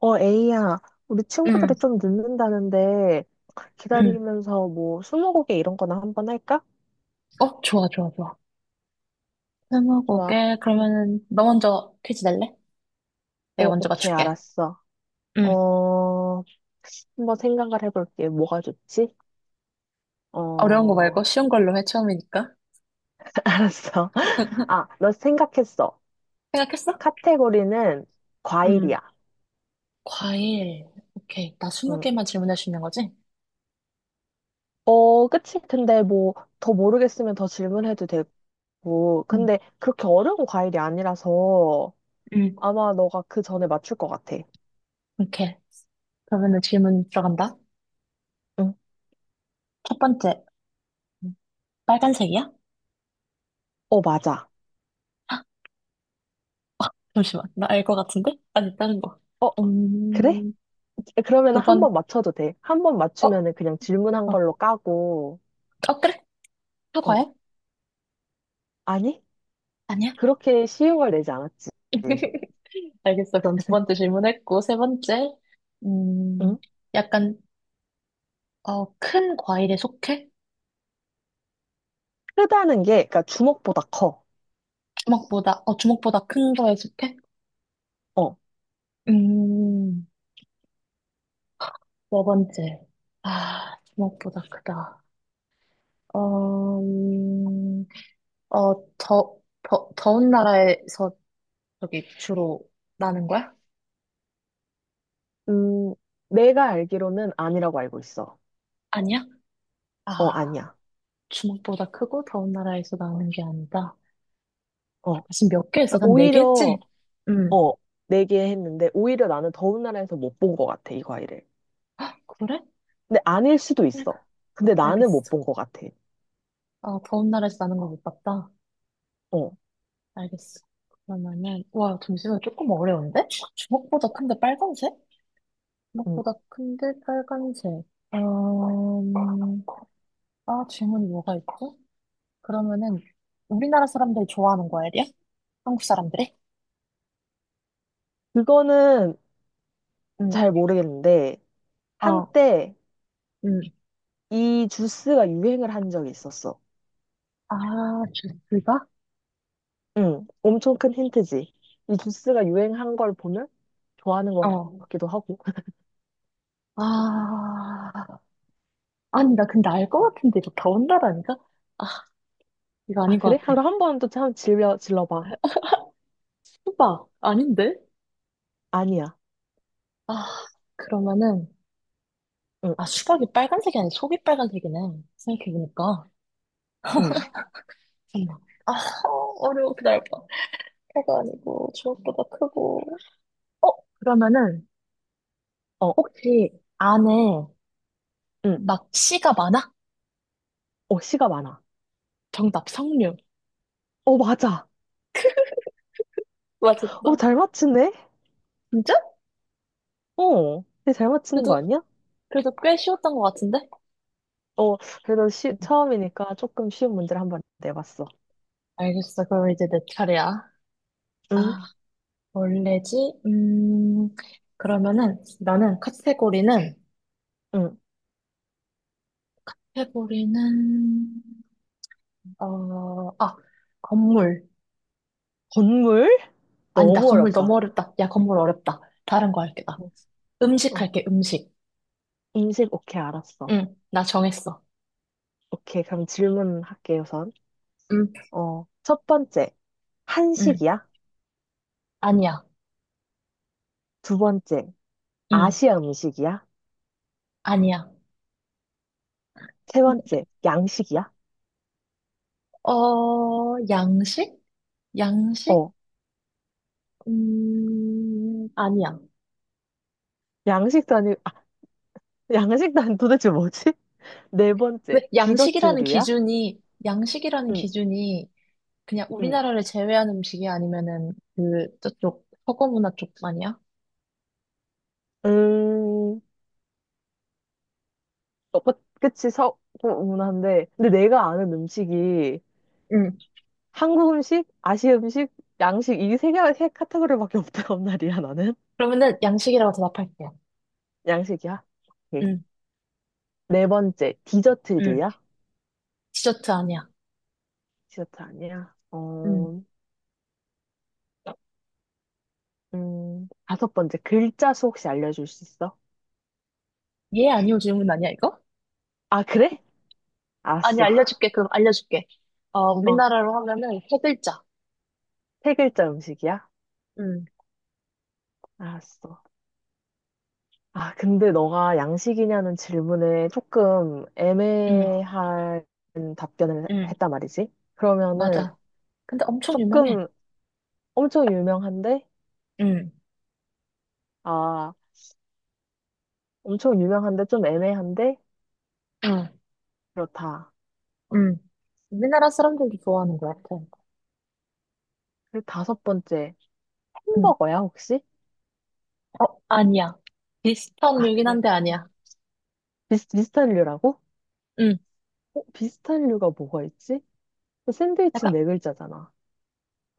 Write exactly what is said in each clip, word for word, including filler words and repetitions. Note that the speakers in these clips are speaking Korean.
어, 에이야, 우리 응, 친구들이 좀 늦는다는데 응. 기다리면서 뭐 스무고개 이런 거나 한번 할까? 어, 좋아, 좋아, 좋아. 좋아. 스무고개, 그러면은, 너 먼저 퀴즈 낼래? 내가 어, 먼저 오케이, 맞출게. 알았어. 응. 어, 한번 생각을 해볼게. 뭐가 좋지? 어려운 거 말고 어, 쉬운 걸로 해, 처음이니까. 알았어. 아, 너 생각했어. 생각했어? 카테고리는 응. 과일이야. 과일. 오케이. 나 스무 응. 개만 질문할 수 있는 거지? 어, 그치. 근데 뭐 더 모르겠으면 더 질문해도 되고. 응, 근데 그렇게 어려운 과일이 아니라서 응. 아마 너가 그 전에 맞출 것 같아. 오케이. 그러면은 질문 들어간다. 응. 첫 번째. 음, 빨간색이야? 어, 맞아. 헉, 잠시만. 나 알 것 같은데? 아니, 다른 거. 어, 그래? 음, 그러면 두 한 번. 번 맞춰도 돼. 한 번 어, 맞추면은 그냥 질문한 어, 걸로 까고, 어, 그래? 어, 사과야? 아니? 아니야? 그렇게 쉬운 걸 내지 않았지. 알겠어. 그럼 두 번째 질문했고, 세 번째, 음, 응? 약간, 어, 큰 과일에 속해? 크다는 게, 그러니까 주먹보다 커. 주먹보다, 어, 주먹보다 큰 거에 속해? 어, 음, 네 번째. 아, 주먹보다 크다. 어, 음, 어, 더, 더, 더운 나라에서 저기 주로 나는 거야? 음, 내가 알기로는 아니라고 알고 있어. 아니야? 어, 아, 아니야. 주먹보다 크고 더운 나라에서 나는 게 아니다. 어, 지금 몇 개 했어? 그러니까 난 네 개 오히려, 했지? 응. 어, 내게 했는데, 오히려 나는 더운 나라에서 못 본 것 같아, 이 과일을. 그래? 근데 아닐 수도 있어. 근데 나는 못 알겠어. 본 것 같아. 아, 더운 나라에서 나는 걸 못 봤다. 어, 알겠어. 그러면은, 와, 잠시만, 조금 어려운데? 주먹보다 큰데 빨간색? 음, 주먹보다 큰데 빨간색. 음, 아, 질문이 뭐가 있지? 그러면은, 우리나라 사람들이 좋아하는 과일이야? 한국 사람들이? 그거는 응, 잘 모르겠는데, 어, 한때, 응. 이 주스가 유행을 한 적이 있었어. 아, 주스가? 응, 엄청 큰 힌트지. 이 주스가 유행한 걸 보면 좋아하는 것 어. 같기도 하고. 아, 아니, 나 근데 알 것 같은데, 이거 더운 나라니까? 아, 이거 아, 아닌 그래? 것 같아. 그럼 한번 또 참 질려, 질러봐. 수박, 아닌데? 아니야. 아, 그러면은, 응, 아, 수박이 빨간색이 아니라 속이 빨간색이네. 생각해보니까. 응, 잠깐만. 아, 어려워. 기다려봐. 해가 아니고, 주먹보다 크고. 어, 그러면은, 어, 혹시 안에 응. 막 씨가 많아? 어, 씨가 많아. 정답, 석류. 어, 맞아. 어, 맞았다. 잘 맞추네? 진짜? 어, 근데 잘 맞추는 그래도, 거 아니야? 그래도 꽤 쉬웠던 것 같은데? 어, 그래도 쉬, 음, 처음이니까 조금 쉬운 문제를 한번 내봤어. 알겠어. 그럼 이제 내 차례야. 응, 아, 원래지? 음, 그러면은, 나는 카테고리는, 응. 카테고리는, 어, 아, 건물. 건물? 아니다, 너무 건물 너무 어렵다. 어렵다. 야, 건물 어렵다. 다른 거 할게, 나. 어, 음식 어. 할게, 음식. 음식, 오케이, 알았어. 응, 나 정했어. 오케이, 그럼 질문할게, 우선. 음, 어, 첫 번째, 응, 한식이야? 아니야. 두 번째, 응, 아시아 음식이야? 아니야. 세 번째, 양식이야? 어, 양식? 양식? 어, 음, 아니야. 양식도 아니, 아, 양식도 아니, 도대체 뭐지? 네 왜, 번째, 양식이라는 디저트류야? 기준이, 양식이라는 응, 기준이 그냥 응, 우리나라를 제외한 음식이 아니면은 그, 저쪽, 서구 문화 쪽 아니야? 음, 어, 그- 그치, 서구문화인데. 근데 내가 아는 음식이 음. 한국 음식, 아시아 음식, 양식, 이 세 개, 세 카테고리밖에 없단 말이야, 나는. 그러면은 양식이라고 대답할게요. 양식이야? 오케이. 응, 네 번째, 응. 디저트류야? 디저트 아니야. 디저트 아니야? 응. 어, 음, 다섯 번째, 글자 수 혹시 알려줄 수 있어? 예, 아니요 질문 아니야, 이거? 아, 그래? 아니, 알았어. 알려줄게. 그럼 알려줄게. 어, 어, 우리나라로 하면은 세 글자. 세 글자 음식이야? 응, 알았어. 아, 근데 너가 양식이냐는 질문에 조금 응, 애매한 답변을 응, 했단 말이지? 그러면은 맞아. 근데 엄청 유명해. 조금 엄청 유명한데? 응, 아, 엄청 유명한데 좀 애매한데? 응. 그렇다. 응, 우리나라 사람들도 좋아하는 것 같아. 그리고 다섯 번째, 응. 햄버거야, 혹시? 어, 아니야. 비슷한 아, 류긴 그래. 한데 아니야. 비슷, 비슷한 류라고? 응. 어, 비슷한 류가 뭐가 있지? 샌드위치는 약간, 네 글자잖아.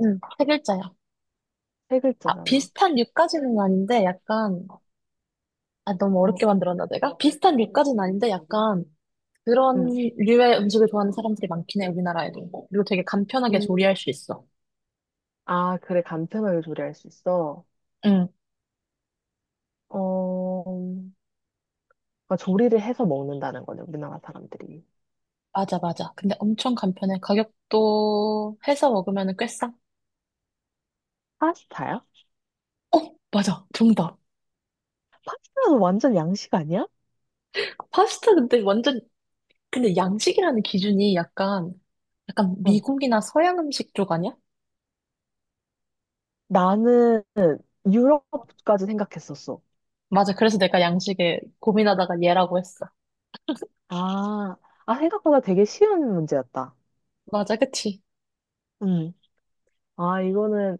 응, 세 글자야. 세 아, 글자잖아. 비슷한 류까지는 아닌데 약간, 아, 너무 어렵게 어, 만들었나 내가? 비슷한 류까지는 아닌데 약간 그런 응. 류의 음식을 좋아하는 사람들이 많긴 해, 우리나라에도. 그리고 되게 간편하게 음. 조리할 수 있어. 아, 그래, 간편하게 조리할 수 있어. 어, 그러니까 조리를 해서 먹는다는 거네, 우리나라 사람들이. 맞아, 맞아. 근데 엄청 간편해. 가격도 해서 먹으면 꽤 싸. 파스타야? 어, 맞아. 정답. 파스타는 완전 양식 아니야? 파스타 근데 완전, 근데 양식이라는 기준이 약간, 약간 어, 미국이나 서양 음식 쪽 아니야? 나는 유럽까지 생각했었어. 맞아. 그래서 내가 양식에 고민하다가 얘라고 했어. 아, 아, 생각보다 되게 쉬운 문제였다. 맞아, 그치? 음. 아, 이거는,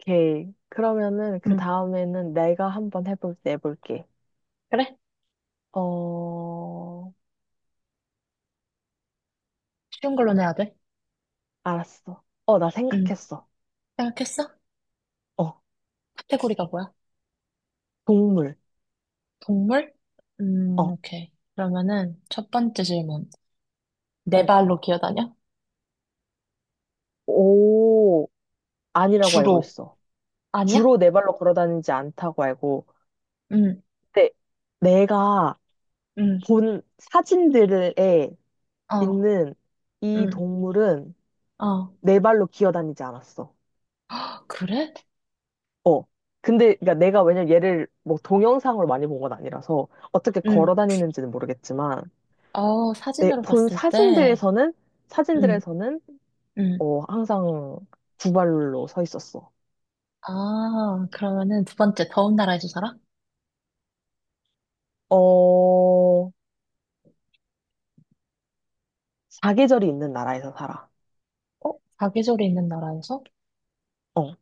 오케이. 그러면은, 그 응. 다음에는 내가 한번 해볼, 내볼게. 그래? 어, 쉬운 걸로 내야 돼. 알았어. 어, 나 응. 생각했어. 생각했어? 어, 카테고리가 뭐야? 동물. 동물? 음, 어. 오케이. 그러면은 첫 번째 질문. 네 음, 발로 기어다녀? 오, 아니라고 알고 주로. 있어. 아니야? 주로 네 발로 걸어 다니지 않다고 알고. 응, 근데 내가 응, 본 사진들에 어, 있는 이 응. 동물은 어, 네 발로 기어 다니지 않았어. 아, 그래? 어. 근데 그러니까 내가 왜냐면 얘를 뭐 동영상으로 많이 본 건 아니라서 어떻게 걸어 응 다니는지는 모르겠지만 어, 내 사진으로 본 봤을 때, 사진들에서는 응 사진들에서는 응 어 항상 두 발로 서 있었어. 아, 그러면은 두 번째, 더운 나라에서 살아? 어 사계절이 있는 나라에서 살아. 어? 사계절이 있는 나라에서? 어.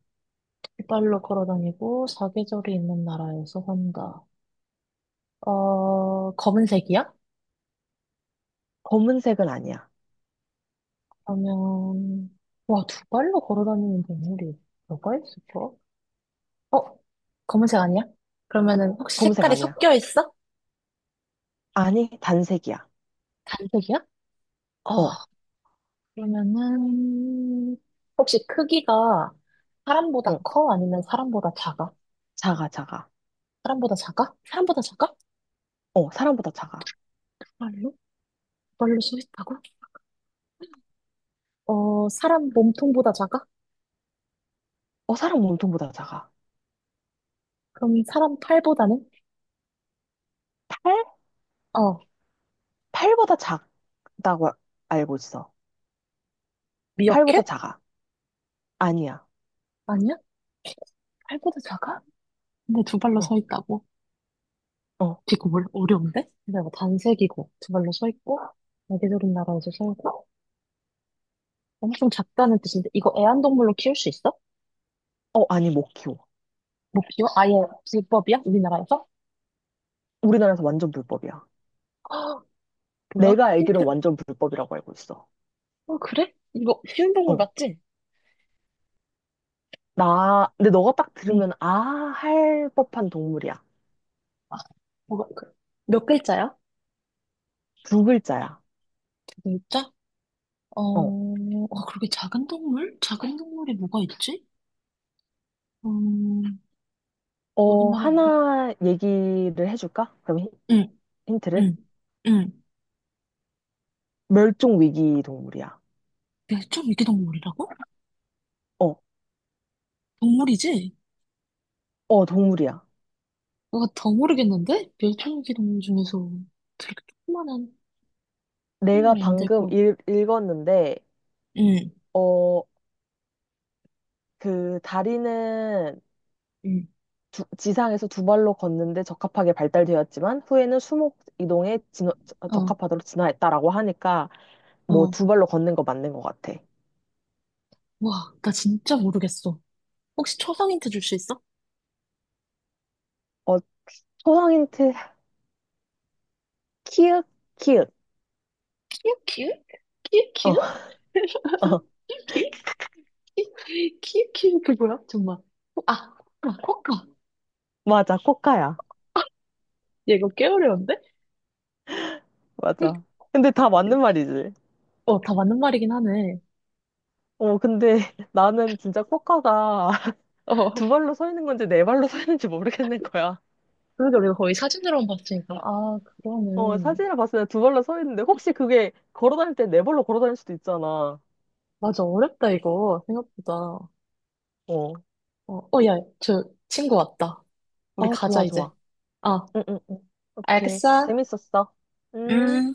발로 걸어 다니고, 사계절이 있는 나라에서 산다. 어, 검은색이야? 검은색은 아니야. 그러면, 와, 두 발로 걸어 다니는 동물이 뭐가 있을까? 어? 검은색 아니야? 그러면은 혹시 검은색 색깔이 아니야. 섞여 있어? 아니, 단색이야. 단색이야? 어, 어, 그러면은, 혹시 크기가 어, 사람보다 커? 아니면 사람보다 작아? 작아, 작아. 사람보다 작아? 사람보다 작아? 어, 사람보다 작아. 발로 발로 서 있다고? 어, 사람 몸통보다 작아? 어, 사람 몸통보다 작아. 그럼 사람 팔보다는? 팔? 어, 팔보다 작다고 알고 있어. 미어캣? 팔보다 작아. 아니야. 아니야? 팔보다 작아? 근데 두 발로 서 어, 있다고? 어, 이거 뭘 어려운데? 근데 뭐 단색이고 두 발로 서 있고 날개조른 나라에서 살고 엄청 작다는 뜻인데 이거 애완동물로 키울 수 있어? 어, 아니, 못 키워. 못 키워? 아예 불법이야? 우리나라에서? 우리나라에서 완전 불법이야. 아, 뭐야? 내가 힌트 알기로는 완전 불법이라고 알고 있어. 어, 그래? 이거 쉬운 동물 어, 맞지? 나, 근데 너가 딱 응. 들으면, 아, 할 법한 동물이야. 아, 뭐가, 그, 몇 글자야? 두 글자야. 글자? 어, 어, 아, 그렇게 작은 동물? 작은 동물이 뭐가 있지? 음, 어, 우리나라 어디? 하나 얘기를 해줄까? 그럼 힌- 응, 힌트를? 응, 응. 멸종 위기 동물이야. 멸종위기 동물이라고? 어, 동물이지? 어, 동물이야. 뭐거더 모르겠는데? 멸종위기 동물 중에서 그렇게 조그만한 내가 키우면 안 방금 되고. 읽, 읽었는데, 응, 어, 그 다리는 응. 두- 지상에서 두 발로 걷는데 적합하게 발달되었지만, 후에는 수목 이동에 진화- 어, 적합하도록 진화했다라고 하니까, 뭐 어. 두 발로 걷는 거 맞는 것 같아. 와, 나 진짜 모르겠어. 혹시 초성 힌트 줄 수 있어? 어, 초성 힌트, 키읔, 키읔. 키읔, 키읔? 키읔, 어, 키읔? 어, 키읔? 키, 키, 키, 그 뭐야? 정말. 아, 코카, 코카. 맞아, 코카야. 얘 이거 꽤 어려운데? 맞아. 근데 다 맞는 말이지. 어, 다 맞는 말이긴 하네. 어, 근데 나는 진짜 코카가 어, 두 발로 서 있는 건지 네 발로 서 있는지 모르겠는 거야. 그래도 우리가 거의 사진으로만 봤으니까. 아, 어, 그러네. 사진을 봤을 때 두 발로 서 있는데 혹시 그게 걸어 다닐 때 네 발로 걸어 다닐 수도 있잖아. 맞아, 어렵다, 이거. 생각보다. 어, 어. 어, 야, 저 친구 왔다. 우리 아, 가자, 좋아, 이제. 좋아. 어, 응, 응, 응. 오케이. 알겠어. 재밌었어. 음. 음.